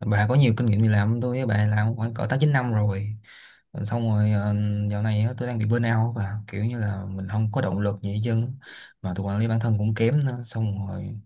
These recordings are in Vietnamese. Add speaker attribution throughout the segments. Speaker 1: Bà có nhiều kinh nghiệm đi làm hơn tôi, với bà làm khoảng cỡ 8-9 năm rồi. Xong rồi, dạo này á, tôi đang bị burnout và kiểu như là mình không có động lực gì hết trơn. Mà tôi quản lý bản thân cũng kém nữa. Xong rồi,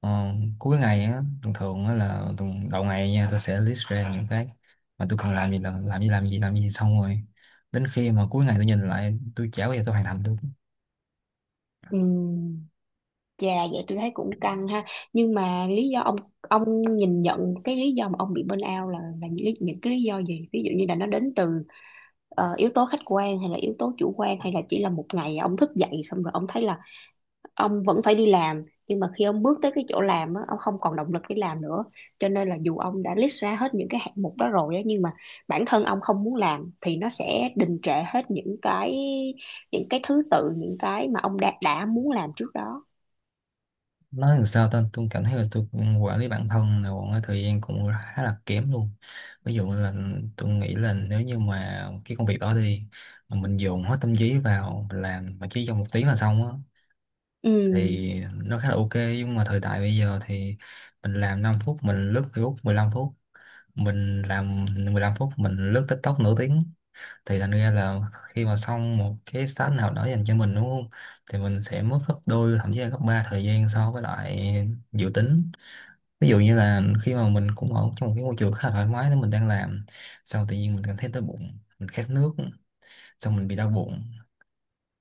Speaker 1: ờ, cuối ngày á, thường thường á là đầu ngày nha, tôi sẽ list ra những cái mà tôi cần làm, gì là làm gì, làm gì, làm gì. Xong rồi đến khi mà cuối ngày tôi nhìn lại, tôi chả bao giờ tôi hoàn thành được.
Speaker 2: Ừm, Chà, vậy tôi thấy cũng căng ha. Nhưng mà lý do ông ông nhìn nhận cái lý do mà ông bị burnout là những cái lý do gì, ví dụ như là nó đến từ yếu tố khách quan hay là yếu tố chủ quan, hay là chỉ là một ngày ông thức dậy xong rồi ông thấy là ông vẫn phải đi làm, nhưng mà khi ông bước tới cái chỗ làm á, ông không còn động lực để làm nữa, cho nên là dù ông đã list ra hết những cái hạng mục đó rồi á, nhưng mà bản thân ông không muốn làm thì nó sẽ đình trệ hết những cái thứ tự những cái mà ông đã muốn làm trước đó.
Speaker 1: Nói làm sao ta, tôi cảm thấy là tôi cũng quản lý bản thân là một cái thời gian cũng khá là kém luôn. Ví dụ là tôi nghĩ là nếu như mà cái công việc đó đi, mà mình dồn hết tâm trí vào mình làm mà chỉ trong 1 tiếng là xong á,
Speaker 2: Ừ,
Speaker 1: thì nó khá là ok. Nhưng mà thời đại bây giờ thì mình làm 5 phút mình lướt Facebook 15 phút, mình làm 15 phút mình lướt TikTok nửa tiếng. Thì thành ra là khi mà xong một cái task nào đó dành cho mình đúng không, thì mình sẽ mất gấp đôi, thậm chí là gấp ba thời gian so với lại dự tính. Ví dụ như là khi mà mình cũng ở trong một cái môi trường khá là thoải mái nên mình đang làm, xong tự nhiên mình cảm thấy đói bụng, mình khát nước, xong mình bị đau bụng.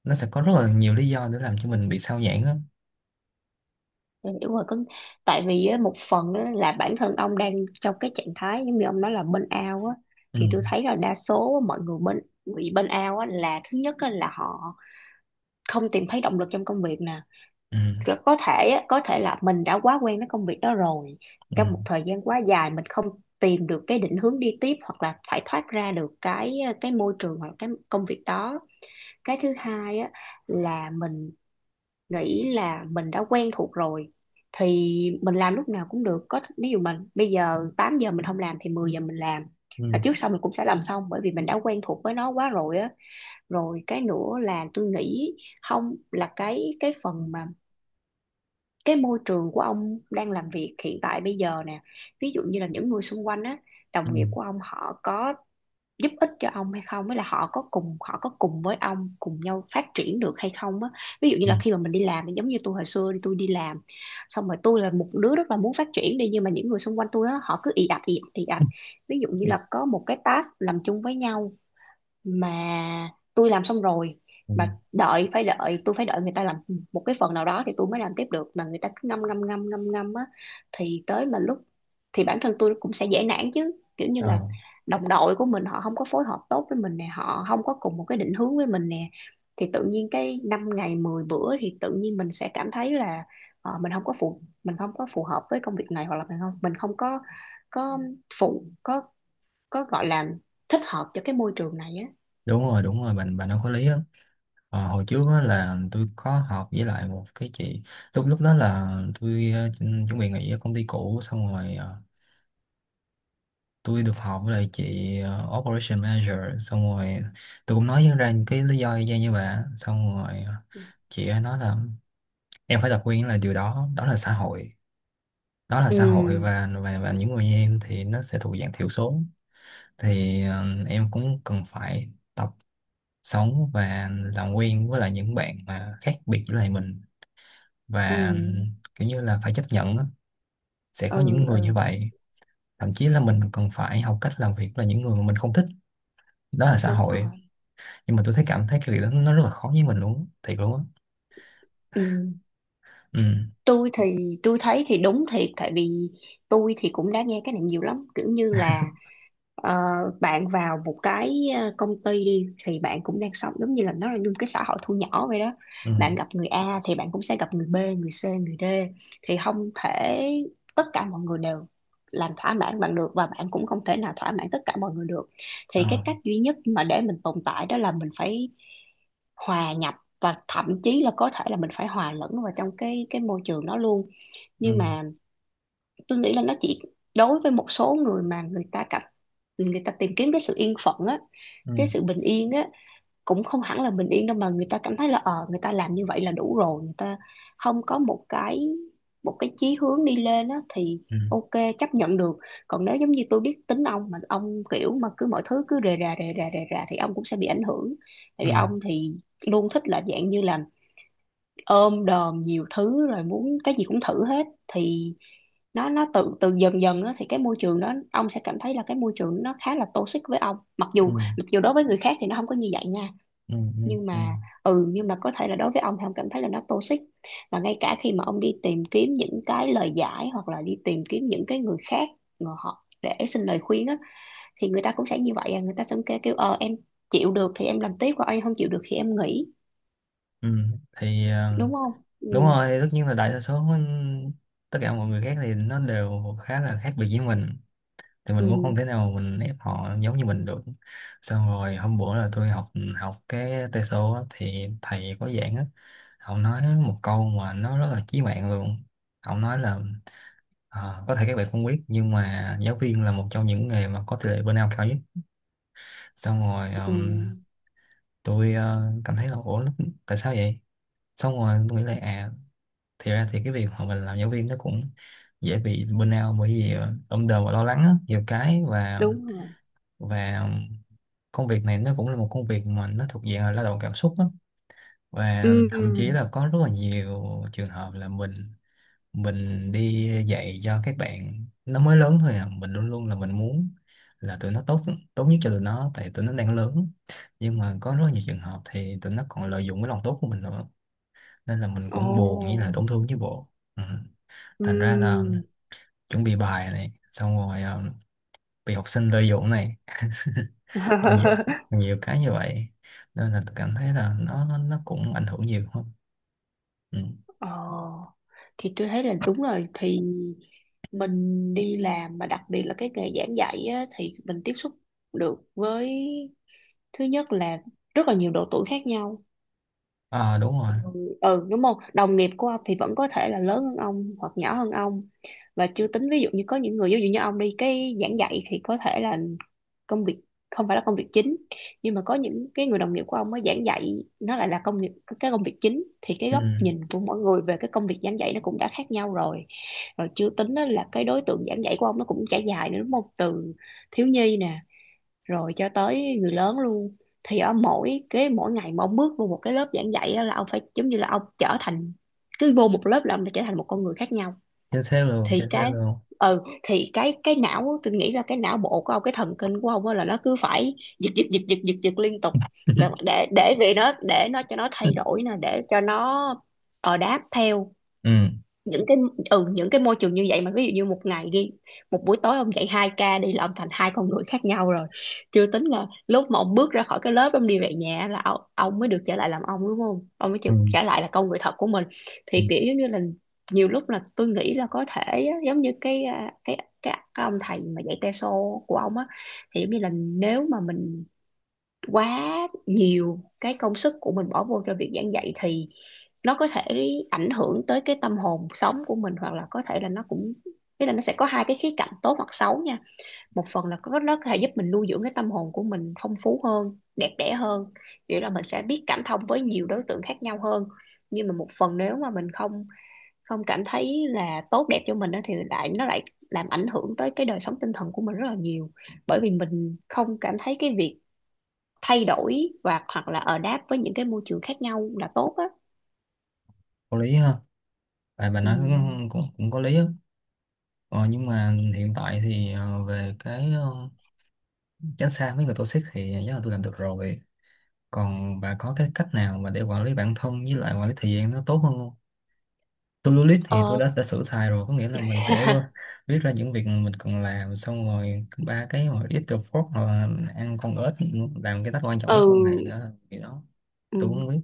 Speaker 1: Nó sẽ có rất là nhiều lý do để làm cho mình bị sao nhãng á.
Speaker 2: tôi hiểu rồi. Có, tại vì á, một phần á, là bản thân ông đang trong cái trạng thái giống như ông nói là burnout á,
Speaker 1: Ừ,
Speaker 2: thì tôi thấy là đa số mọi người bị burnout á là thứ nhất á, là họ không tìm thấy động lực trong công việc nè.
Speaker 1: ừ,
Speaker 2: Có thể là mình đã quá quen với công việc đó rồi, trong
Speaker 1: ừ,
Speaker 2: một thời gian quá dài mình không tìm được cái định hướng đi tiếp, hoặc là phải thoát ra được cái môi trường hoặc cái công việc đó. Cái thứ hai á, là mình nghĩ là mình đã quen thuộc rồi thì mình làm lúc nào cũng được, có ví dụ mình bây giờ 8 giờ mình không làm thì 10 giờ mình làm,
Speaker 1: ừ,
Speaker 2: và trước sau mình cũng sẽ làm xong, bởi vì mình đã quen thuộc với nó quá rồi á. Rồi cái nữa là tôi nghĩ không, là cái phần mà cái môi trường của ông đang làm việc hiện tại bây giờ nè, ví dụ như là những người xung quanh á,
Speaker 1: ừ,
Speaker 2: đồng nghiệp của ông họ có giúp ích cho ông hay không, với là họ có cùng với ông cùng nhau phát triển được hay không á. Ví dụ như
Speaker 1: ừ,
Speaker 2: là khi mà mình đi làm, giống như tôi hồi xưa đi tôi đi làm xong rồi, tôi là một đứa rất là muốn phát triển đi, nhưng mà những người xung quanh tôi á họ cứ ì ạch ì ạch ì ạch. Ví dụ như
Speaker 1: ừ,
Speaker 2: là có một cái task làm chung với nhau mà tôi làm xong rồi,
Speaker 1: ừ.
Speaker 2: mà đợi phải đợi tôi phải đợi người ta làm một cái phần nào đó thì tôi mới làm tiếp được, mà người ta cứ ngâm ngâm ngâm ngâm ngâm á, thì tới mà lúc thì bản thân tôi cũng sẽ dễ nản chứ, kiểu như
Speaker 1: Ờ,
Speaker 2: là đồng đội của mình họ không có phối hợp tốt với mình nè, họ không có cùng một cái định hướng với mình nè, thì tự nhiên cái 5 ngày 10 bữa thì tự nhiên mình sẽ cảm thấy là mình không có phù hợp với công việc này, hoặc là mình không có có phụ có gọi là thích hợp cho cái môi trường này á.
Speaker 1: đúng rồi đúng rồi, bạn bạn nói có lý á. Ờ, hồi trước á là tôi có học với lại một cái chị, lúc lúc đó là tôi chuẩn bị nghỉ ở công ty cũ. Xong rồi tôi được học với lại chị, Operation Manager. Xong rồi tôi cũng nói ra những cái lý do y chang như vậy. Xong rồi, chị ấy nói là em phải tập quen, là điều đó, đó là xã hội. Đó là xã hội,
Speaker 2: Ừ.
Speaker 1: và và những người như em thì nó sẽ thuộc dạng thiểu số. Thì em cũng cần phải tập sống và làm quen với lại những bạn mà khác biệt với lại mình,
Speaker 2: Ừ.
Speaker 1: và kiểu như là phải chấp nhận á. Sẽ có
Speaker 2: Ừ.
Speaker 1: những người như
Speaker 2: Ừ.
Speaker 1: vậy. Thậm chí là mình còn phải học cách làm việc với những người mà mình không thích. Đó là xã
Speaker 2: Đúng
Speaker 1: hội.
Speaker 2: rồi.
Speaker 1: Nhưng mà tôi thấy, cảm thấy cái việc đó nó rất là khó với mình luôn á. Thiệt luôn á.
Speaker 2: Ừ.
Speaker 1: Ừ,
Speaker 2: Tôi thấy thì đúng thiệt, tại vì tôi thì cũng đã nghe cái này nhiều lắm, kiểu như là ờ, bạn vào một cái công ty đi thì bạn cũng đang sống giống như là nó là như một cái xã hội thu nhỏ vậy đó.
Speaker 1: ừ,
Speaker 2: Bạn gặp người A thì bạn cũng sẽ gặp người B, người C, người D, thì không thể tất cả mọi người đều làm thỏa mãn bạn được, và bạn cũng không thể nào thỏa mãn tất cả mọi người được.
Speaker 1: ờ,
Speaker 2: Thì cái cách duy nhất mà để mình tồn tại đó là mình phải hòa nhập, và thậm chí là có thể là mình phải hòa lẫn vào trong cái môi trường đó luôn. Nhưng
Speaker 1: ừ,
Speaker 2: mà tôi nghĩ là nó chỉ đối với một số người mà người ta tìm kiếm cái sự yên phận á,
Speaker 1: ừ,
Speaker 2: cái sự bình yên á, cũng không hẳn là bình yên đâu, mà người ta cảm thấy là người ta làm như vậy là đủ rồi, người ta không có một cái chí hướng đi lên á thì
Speaker 1: ừ,
Speaker 2: ok, chấp nhận được. Còn nếu giống như tôi biết tính ông, mà ông kiểu mà cứ mọi thứ cứ rề rà rề rà rề rà thì ông cũng sẽ bị ảnh hưởng, tại
Speaker 1: ừ,
Speaker 2: vì ông thì luôn thích là dạng như là ôm đồm nhiều thứ rồi muốn cái gì cũng thử hết, thì nó tự từ dần dần á, thì cái môi trường đó ông sẽ cảm thấy là cái môi trường nó khá là toxic với ông, mặc
Speaker 1: ừ,
Speaker 2: dù đối với người khác thì nó không có như vậy nha.
Speaker 1: ừ, ừ,
Speaker 2: Nhưng
Speaker 1: ừ,
Speaker 2: mà ừ, nhưng mà có thể là đối với ông thì ông cảm thấy là nó toxic. Và ngay cả khi mà ông đi tìm kiếm những cái lời giải, hoặc là đi tìm kiếm những cái người khác mà họ để xin lời khuyên á, thì người ta cũng sẽ như vậy à, người ta sẽ kêu kêu em chịu được thì em làm tiếp, còn em không chịu được thì em nghỉ,
Speaker 1: ừ. Thì,
Speaker 2: đúng không? Ừ.
Speaker 1: đúng rồi, tất nhiên là đại đa số tất cả mọi người khác thì nó đều khá là khác biệt với mình, thì mình cũng không thể
Speaker 2: Ừ.
Speaker 1: nào mình ép họ giống như mình được. Xong rồi hôm bữa là tôi học học cái tê số á, thì thầy có giảng á. Ông nói một câu mà nó rất là chí mạng luôn. Ông nói là: Có thể các bạn không biết nhưng mà giáo viên là một trong những nghề mà có tỷ lệ burnout cao nhất." Xong rồi
Speaker 2: Ừ.
Speaker 1: tôi cảm thấy là ủa tại sao vậy. Xong rồi tôi nghĩ là à, thì ra thì cái việc mà mình làm giáo viên nó cũng dễ bị burnout, bởi vì đông đờ và lo lắng á, nhiều cái. và
Speaker 2: Đúng rồi.
Speaker 1: và công việc này nó cũng là một công việc mà nó thuộc dạng là lao động cảm xúc á. Và thậm chí
Speaker 2: Ừ.
Speaker 1: là có rất là nhiều trường hợp là mình đi dạy cho các bạn nó mới lớn thôi à, mình luôn luôn là mình muốn là tụi nó tốt, tốt nhất cho tụi nó, tại tụi nó đang lớn. Nhưng mà có rất là nhiều trường hợp thì tụi nó còn lợi dụng cái lòng tốt của mình nữa, nên là mình cũng buồn như
Speaker 2: Ồ.
Speaker 1: là tổn thương chứ bộ. Ừ.
Speaker 2: Ừ.
Speaker 1: Thành ra là chuẩn bị bài này, xong rồi bị học sinh lợi dụng này, ở nhiều nhiều cái như vậy, nên là tôi cảm thấy là nó cũng ảnh hưởng nhiều không. Ừ.
Speaker 2: Ờ, thì tôi thấy là đúng rồi. Thì mình đi làm mà đặc biệt là cái nghề giảng dạy á, thì mình tiếp xúc được với, thứ nhất là, rất là nhiều độ tuổi khác nhau.
Speaker 1: À, đúng rồi.
Speaker 2: Ừ. Ừ, đúng không, đồng nghiệp của ông thì vẫn có thể là lớn hơn ông hoặc nhỏ hơn ông. Và chưa tính ví dụ như có những người, ví dụ như ông đi cái giảng dạy thì có thể là công việc không phải là công việc chính, nhưng mà có những cái người đồng nghiệp của ông mới giảng dạy nó lại là công việc, cái công việc chính, thì cái
Speaker 1: Ừ.
Speaker 2: góc nhìn của mỗi người về cái công việc giảng dạy nó cũng đã khác nhau rồi. Rồi chưa tính đó là cái đối tượng giảng dạy của ông nó cũng trải dài nữa, đúng không, từ thiếu nhi nè rồi cho tới người lớn luôn. Thì ở mỗi cái mỗi ngày mà ông bước vô một cái lớp giảng dạy á là ông phải giống như là ông trở thành, cứ vô một lớp là ông đã trở thành một con người khác nhau.
Speaker 1: Chính xác luôn
Speaker 2: thì
Speaker 1: chính xác
Speaker 2: cái
Speaker 1: luôn.
Speaker 2: ừ thì cái cái não á, tôi nghĩ là cái não bộ của ông, cái thần kinh của ông á là nó cứ phải giật giật giật giật giật giật liên tục, để để để vì nó để nó cho nó thay đổi nè, để cho nó đáp theo
Speaker 1: Ừ.
Speaker 2: những cái những cái môi trường như vậy. Mà ví dụ như một ngày đi, một buổi tối ông dạy 2 ca đi là ông thành hai con người khác nhau rồi. Chưa tính là lúc mà ông bước ra khỏi cái lớp ông đi về nhà là ông mới được trở lại làm ông, đúng không, ông mới
Speaker 1: Ừ.
Speaker 2: được trở lại là con người thật của mình.
Speaker 1: Ừ.
Speaker 2: Thì kiểu giống như là nhiều lúc là tôi nghĩ là có thể á, giống như cái à, cái cái ông thầy mà dạy teso của ông á, thì giống như là nếu mà mình quá nhiều cái công sức của mình bỏ vô cho việc giảng dạy thì nó có thể ảnh hưởng tới cái tâm hồn sống của mình, hoặc là có thể là nó cũng... Thế là nó sẽ có hai cái khía cạnh tốt hoặc xấu nha. Một phần là có nó có thể giúp mình nuôi dưỡng cái tâm hồn của mình phong phú hơn, đẹp đẽ hơn, nghĩa là mình sẽ biết cảm thông với nhiều đối tượng khác nhau hơn. Nhưng mà một phần nếu mà mình không không cảm thấy là tốt đẹp cho mình á, thì lại nó lại làm ảnh hưởng tới cái đời sống tinh thần của mình rất là nhiều. Bởi vì mình không cảm thấy cái việc thay đổi và hoặc là ở đáp với những cái môi trường khác nhau là tốt á.
Speaker 1: Có lý ha, tại bà nói cũng cũng, cũng có lý á. Ờ, nhưng mà hiện tại thì, về cái, tránh xa mấy người toxic thì chắc là tôi làm được rồi. Còn bà có cái cách nào mà để quản lý bản thân với lại quản lý thời gian nó tốt hơn không? To-do list thì tôi
Speaker 2: Ờ,
Speaker 1: đã sửa xài rồi, có nghĩa là mình sẽ viết ra những việc mình cần làm. Xong rồi ba cái mà ít the fork hoặc là ăn con ếch, làm cái task quan trọng nhất
Speaker 2: ừ,
Speaker 1: trong ngày nữa thì đó.
Speaker 2: ừ
Speaker 1: Tôi cũng biết.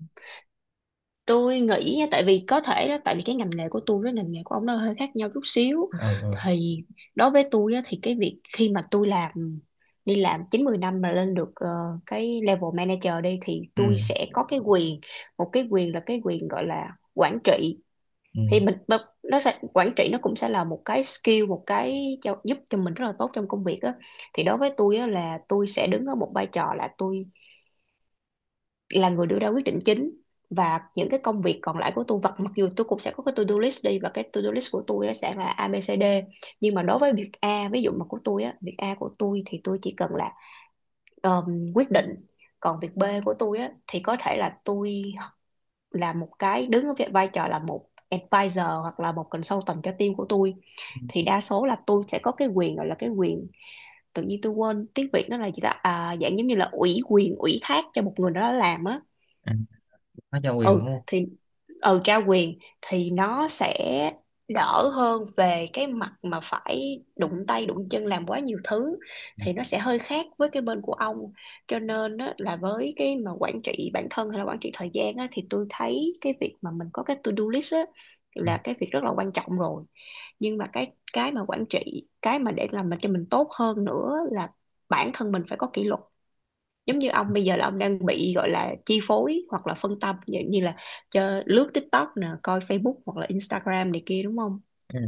Speaker 2: tôi nghĩ nha, tại vì có thể đó tại vì cái ngành nghề của tôi với ngành nghề của ông nó hơi khác nhau chút xíu.
Speaker 1: Ừ,
Speaker 2: Thì đối với tôi á, thì cái việc khi mà tôi làm đi làm 9 10 năm mà lên được cái level manager đi thì
Speaker 1: ừ,
Speaker 2: tôi
Speaker 1: ừ,
Speaker 2: sẽ có cái quyền, một cái quyền là cái quyền gọi là quản trị.
Speaker 1: ừ.
Speaker 2: Thì mình mà nó sẽ quản trị, nó cũng sẽ là một cái skill, một cái giúp cho mình rất là tốt trong công việc á. Thì đối với tôi á, là tôi sẽ đứng ở một vai trò là tôi là người đưa ra quyết định chính, và những cái công việc còn lại của tôi vật mặc dù tôi cũng sẽ có cái to-do list đi, và cái to-do list của tôi sẽ là ABCD. Nhưng mà đối với việc A ví dụ mà của tôi á, việc A của tôi thì tôi chỉ cần là quyết định. Còn việc B của tôi á thì có thể là tôi là một cái đứng ở vai trò là một advisor hoặc là một consultant cho team của tôi. Thì đa số là tôi sẽ có cái quyền gọi là cái quyền, tự nhiên tôi quên tiếng Việt nó là gì ta, à, dạng giống như là ủy quyền ủy thác cho một người đó làm á.
Speaker 1: À, có trao quyền
Speaker 2: Ừ
Speaker 1: đúng không.
Speaker 2: thì ừ, trao quyền thì nó sẽ đỡ hơn về cái mặt mà phải đụng tay đụng chân làm quá nhiều thứ.
Speaker 1: Ừ.
Speaker 2: Thì nó sẽ hơi khác với cái bên của ông. Cho nên á, là với cái mà quản trị bản thân hay là quản trị thời gian á, thì tôi thấy cái việc mà mình có cái to-do list á, là cái việc rất là quan trọng rồi. Nhưng mà cái mà quản trị, cái mà để làm mình cho mình tốt hơn nữa là bản thân mình phải có kỷ luật. Giống như ông bây giờ là ông đang bị gọi là chi phối hoặc là phân tâm, dạng như là cho lướt TikTok nè, coi Facebook hoặc là Instagram này kia đúng không.
Speaker 1: Ừ.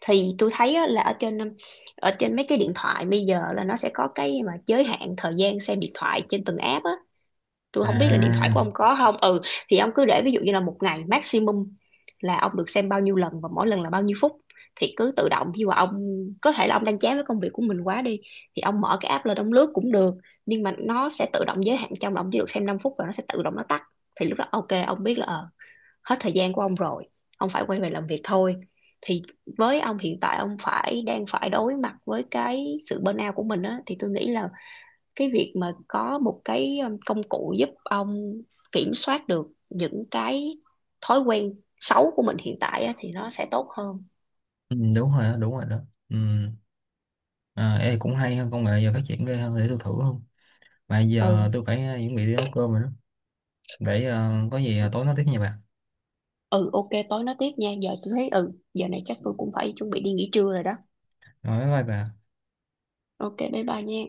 Speaker 2: Thì tôi thấy á, là ở trên mấy cái điện thoại bây giờ là nó sẽ có cái mà giới hạn thời gian xem điện thoại trên từng app á. Tôi không biết là điện thoại của
Speaker 1: À,
Speaker 2: ông có không. Ừ, thì ông cứ để ví dụ như là một ngày maximum là ông được xem bao nhiêu lần và mỗi lần là bao nhiêu phút. Thì cứ tự động khi mà ông, có thể là ông đang chán với công việc của mình quá đi, thì ông mở cái app lên ông lướt cũng được, nhưng mà nó sẽ tự động giới hạn trong là ông chỉ được xem 5 phút và nó sẽ tự động nó tắt. Thì lúc đó ok ông biết là hết thời gian của ông rồi, ông phải quay về làm việc thôi. Thì với ông hiện tại ông phải đang phải đối mặt với cái sự burnout của mình á, thì tôi nghĩ là cái việc mà có một cái công cụ giúp ông kiểm soát được những cái thói quen xấu của mình hiện tại á, thì nó sẽ tốt hơn.
Speaker 1: ừ, đúng rồi đó đúng rồi đó. Ừ. À, ê, cũng hay hơn, công nghệ giờ phát triển ghê, hơn để tôi thử không. Mà giờ
Speaker 2: Ừ
Speaker 1: tôi phải chuẩn bị đi nấu cơm rồi đó. Để có gì tối nói tiếp nha bà.
Speaker 2: ừ, ok tối nói tiếp nha. Giờ tôi thấy ừ, giờ này chắc tôi cũng phải chuẩn bị đi nghỉ trưa rồi đó.
Speaker 1: Rồi bye bye bà.
Speaker 2: Ok, bye bye nha.